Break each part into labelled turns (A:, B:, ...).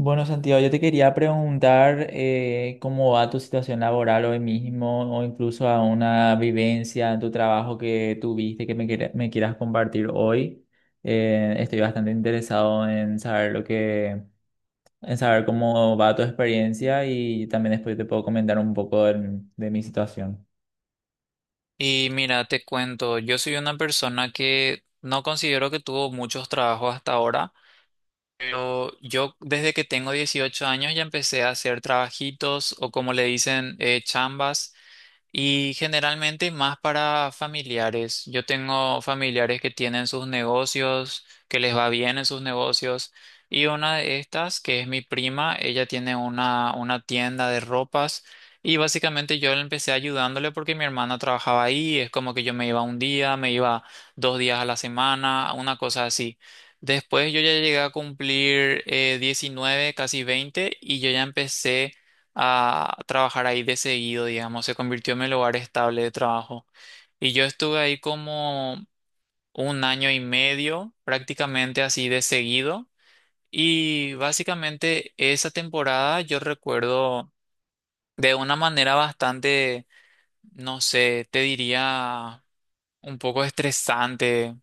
A: Bueno, Santiago, yo te quería preguntar cómo va tu situación laboral hoy mismo o incluso a una vivencia en tu trabajo que tuviste que me quieras compartir hoy. Estoy bastante interesado en saber en saber cómo va tu experiencia y también después te puedo comentar un poco de mi situación.
B: Y mira, te cuento, yo soy una persona que no considero que tuvo muchos trabajos hasta ahora, pero yo desde que tengo 18 años ya empecé a hacer trabajitos o como le dicen, chambas. Y generalmente más para familiares. Yo tengo familiares que tienen sus negocios, que les va bien en sus negocios. Y una de estas, que es mi prima, ella tiene una tienda de ropas. Y básicamente yo le empecé ayudándole porque mi hermana trabajaba ahí. Es como que yo me iba un día, me iba 2 días a la semana, una cosa así. Después yo ya llegué a cumplir 19, casi 20 y yo ya empecé a trabajar ahí de seguido, digamos, se convirtió en mi lugar estable de trabajo. Y yo estuve ahí como un año y medio, prácticamente así de seguido. Y básicamente esa temporada yo recuerdo de una manera bastante, no sé, te diría un poco estresante.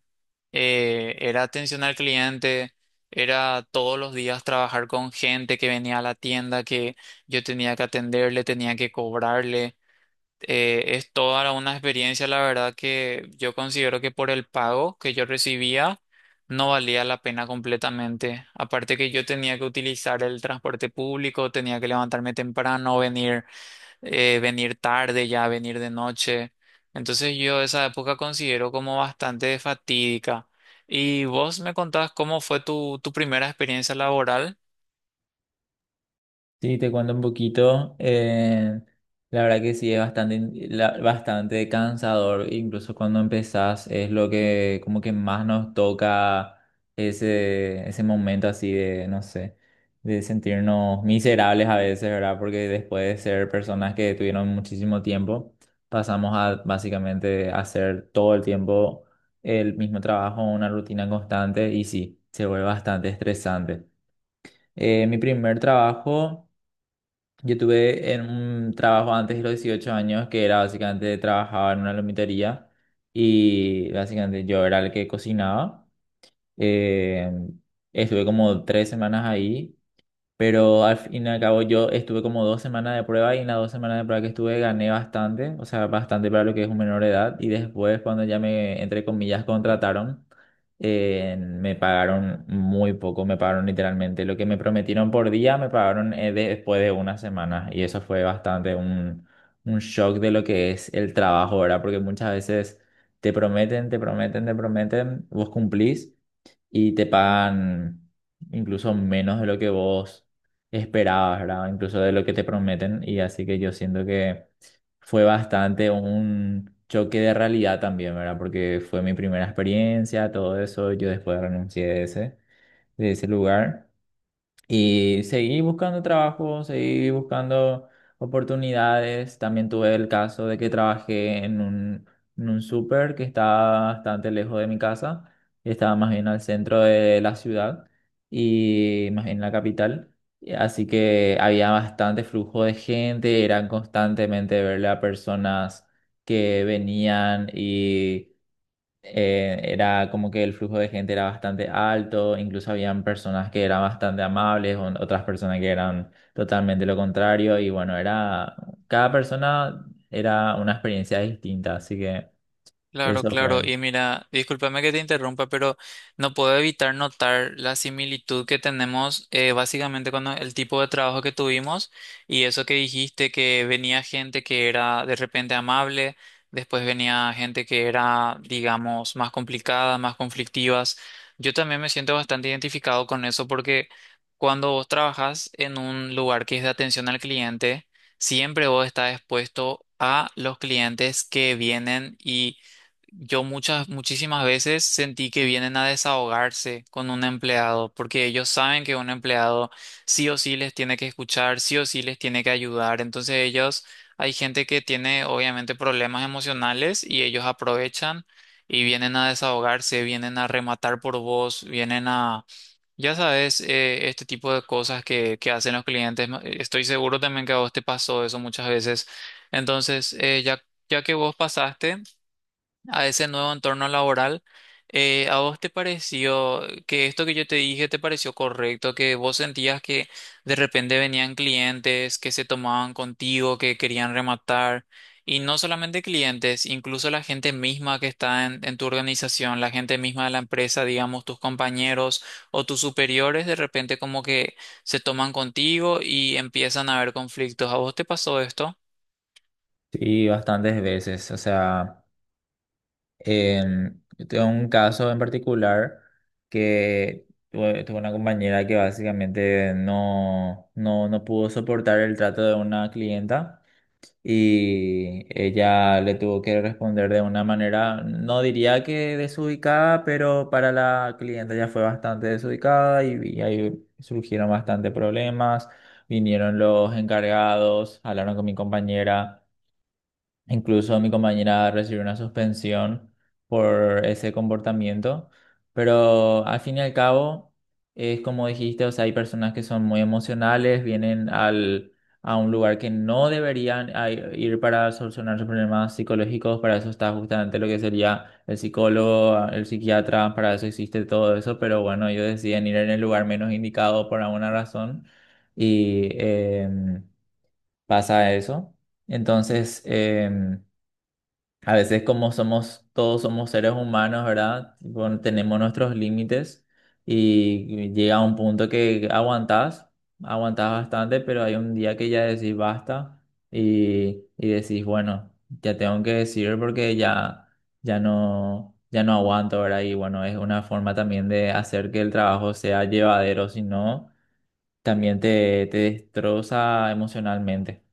B: Era atención al cliente, era todos los días trabajar con gente que venía a la tienda, que yo tenía que atenderle, tenía que cobrarle. Es toda una experiencia, la verdad, que yo considero que por el pago que yo recibía no valía la pena completamente. Aparte que yo tenía que utilizar el transporte público, tenía que levantarme temprano, venir, venir tarde ya, venir de noche. Entonces yo esa época considero como bastante fatídica. ¿Y vos me contás cómo fue tu primera experiencia laboral?
A: Sí, te cuento un poquito. La verdad que sí, es bastante cansador. Incluso cuando empezás es lo que como que más nos toca ese momento así de, no sé, de sentirnos miserables a veces, ¿verdad? Porque después de ser personas que tuvieron muchísimo tiempo, pasamos a básicamente hacer todo el tiempo el mismo trabajo, una rutina constante y sí, se vuelve bastante estresante. Mi primer trabajo... Yo tuve en un trabajo antes de los 18 años que era básicamente trabajaba en una lomitería y básicamente yo era el que cocinaba. Eh, Estuve como tres semanas ahí, pero al fin y al cabo yo estuve como dos semanas de prueba y en las dos semanas de prueba que estuve gané bastante, o sea, bastante para lo que es un menor de edad. Y después cuando ya me, entre comillas, contrataron, me pagaron muy poco, me pagaron literalmente lo que me prometieron por día, me pagaron después de una semana. Y eso fue un shock de lo que es el trabajo, ¿verdad? Porque muchas veces te prometen, te prometen, te prometen, vos cumplís y te pagan incluso menos de lo que vos esperabas, ¿verdad? Incluso de lo que te prometen. Y así que yo siento que fue bastante un choque de realidad también, ¿verdad? Porque fue mi primera experiencia, todo eso. Yo después renuncié de de ese lugar. Y seguí buscando trabajo, seguí buscando oportunidades. También tuve el caso de que trabajé en en un súper que estaba bastante lejos de mi casa. Estaba más bien al centro de la ciudad y más en la capital. Y así que había bastante flujo de gente, eran constantemente verle a personas que venían, era como que el flujo de gente era bastante alto, incluso habían personas que eran bastante amables, otras personas que eran totalmente lo contrario, y bueno, era, cada persona era una experiencia distinta, así que
B: Claro,
A: eso
B: claro.
A: fue.
B: Y mira, discúlpame que te interrumpa, pero no puedo evitar notar la similitud que tenemos básicamente con el tipo de trabajo que tuvimos y eso que dijiste que venía gente que era de repente amable, después venía gente que era, digamos, más complicada, más conflictivas. Yo también me siento bastante identificado con eso porque cuando vos trabajas en un lugar que es de atención al cliente, siempre vos estás expuesto a los clientes que vienen y yo muchas, muchísimas veces sentí que vienen a desahogarse con un empleado, porque ellos saben que un empleado sí o sí les tiene que escuchar, sí o sí les tiene que ayudar. Entonces ellos, hay gente que tiene obviamente problemas emocionales y ellos aprovechan y vienen a desahogarse, vienen a rematar por vos, vienen a, ya sabes, este tipo de cosas que hacen los clientes. No, estoy seguro también que a vos te pasó eso muchas veces. Entonces, ya que vos pasaste a ese nuevo entorno laboral. ¿A vos te pareció que esto que yo te dije te pareció correcto? ¿Que vos sentías que de repente venían clientes que se tomaban contigo, que querían rematar? Y no solamente clientes, incluso la gente misma que está en tu organización, la gente misma de la empresa, digamos, tus compañeros o tus superiores, de repente como que se toman contigo y empiezan a haber conflictos. ¿A vos te pasó esto?
A: Sí, bastantes veces, o sea, yo tengo un caso en particular que tuve una compañera que básicamente no pudo soportar el trato de una clienta. Y ella le tuvo que responder de una manera, no diría que desubicada, pero para la cliente ya fue bastante desubicada y ahí surgieron bastante problemas. Vinieron los encargados, hablaron con mi compañera. Incluso mi compañera recibió una suspensión por ese comportamiento, pero al fin y al cabo es como dijiste, o sea, hay personas que son muy emocionales, vienen a un lugar que no deberían ir para solucionar sus problemas psicológicos, para eso está justamente lo que sería el psicólogo, el psiquiatra, para eso existe todo eso, pero bueno, ellos deciden ir en el lugar menos indicado por alguna razón y pasa eso. Entonces, a veces como somos, todos somos seres humanos, ¿verdad? Bueno, tenemos nuestros límites y llega un punto que aguantás, aguantás bastante, pero hay un día que ya decís basta y decís, bueno, ya tengo que decir porque ya no, ya no aguanto, ¿verdad? Y bueno, es una forma también de hacer que el trabajo sea llevadero, si no, también te destroza emocionalmente.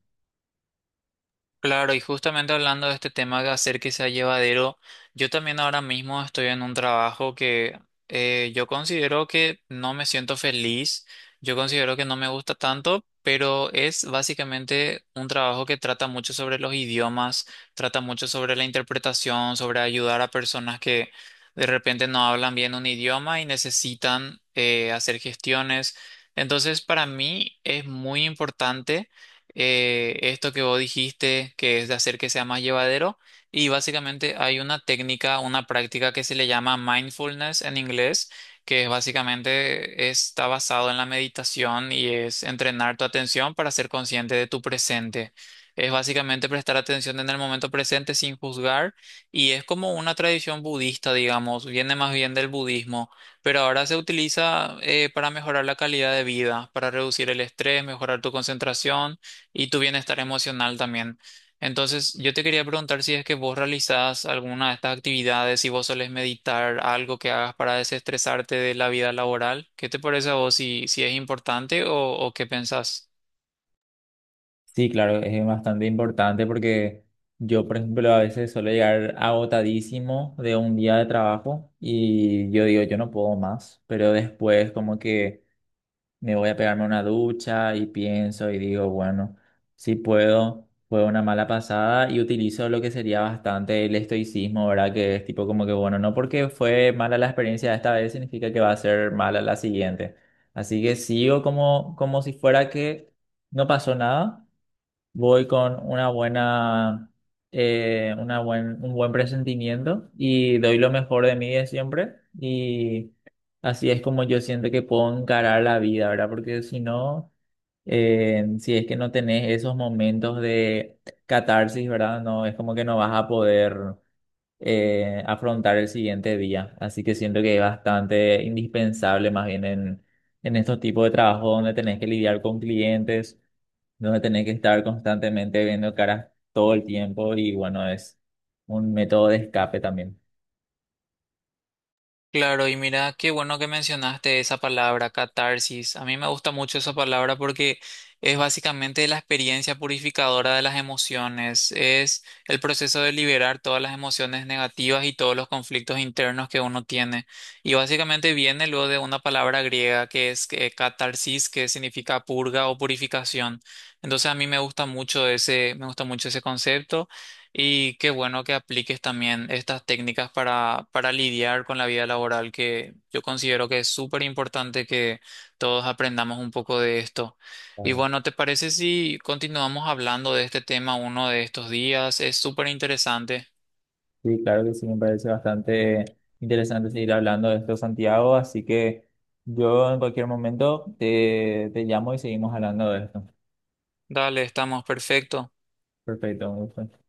B: Claro, y justamente hablando de este tema de hacer que sea llevadero, yo también ahora mismo estoy en un trabajo que yo considero que no me siento feliz, yo considero que no me gusta tanto, pero es básicamente un trabajo que trata mucho sobre los idiomas, trata mucho sobre la interpretación, sobre ayudar a personas que de repente no hablan bien un idioma y necesitan hacer gestiones. Entonces, para mí es muy importante esto que vos dijiste, que es de hacer que sea más llevadero. Y básicamente hay una técnica, una práctica que se le llama mindfulness en inglés, que es básicamente está basado en la meditación y es entrenar tu atención para ser consciente de tu presente. Es básicamente prestar atención en el momento presente sin juzgar y es como una tradición budista, digamos, viene más bien del budismo pero ahora se utiliza para mejorar la calidad de vida, para reducir el estrés, mejorar tu concentración y tu bienestar emocional también. Entonces, yo te quería preguntar si es que vos realizás alguna de estas actividades, si vos solés meditar, algo que hagas para desestresarte de la vida laboral. ¿Qué te parece a vos si, si es importante o qué pensás?
A: Sí, claro, es bastante importante porque yo, por ejemplo, a veces suelo llegar agotadísimo de un día de trabajo y yo digo, yo no puedo más, pero después como que me voy a pegarme una ducha y pienso y digo, bueno, sí puedo, fue una mala pasada y utilizo lo que sería bastante el estoicismo, ¿verdad? Que es tipo como que, bueno, no porque fue mala la experiencia de esta vez significa que va a ser mala la siguiente. Así que sigo como, como si fuera que no pasó nada, voy con una un buen presentimiento y doy lo mejor de mí de siempre. Y así es como yo siento que puedo encarar la vida, ¿verdad? Porque si no, si es que no tenés esos momentos de catarsis, ¿verdad? No, es como que no vas a poder afrontar el siguiente día. Así que siento que es bastante indispensable más bien en estos tipos de trabajo donde tenés que lidiar con clientes, donde tenés que estar constantemente viendo caras todo el tiempo y bueno, es un método de escape también.
B: Claro, y mira, qué bueno que mencionaste esa palabra, catarsis. A mí me gusta mucho esa palabra porque es básicamente la experiencia purificadora de las emociones. Es el proceso de liberar todas las emociones negativas y todos los conflictos internos que uno tiene. Y básicamente viene luego de una palabra griega que es catarsis, que significa purga o purificación. Entonces a mí me gusta mucho ese, me gusta mucho ese concepto. Y qué bueno que apliques también estas técnicas para lidiar con la vida laboral, que yo considero que es súper importante que todos aprendamos un poco de esto. Y
A: Claro.
B: bueno, ¿te parece si continuamos hablando de este tema uno de estos días? Es súper interesante.
A: Sí, claro que sí, me parece bastante interesante seguir hablando de esto, Santiago, así que yo en cualquier momento te llamo y seguimos hablando de esto.
B: Dale, estamos perfecto.
A: Perfecto, un gusto.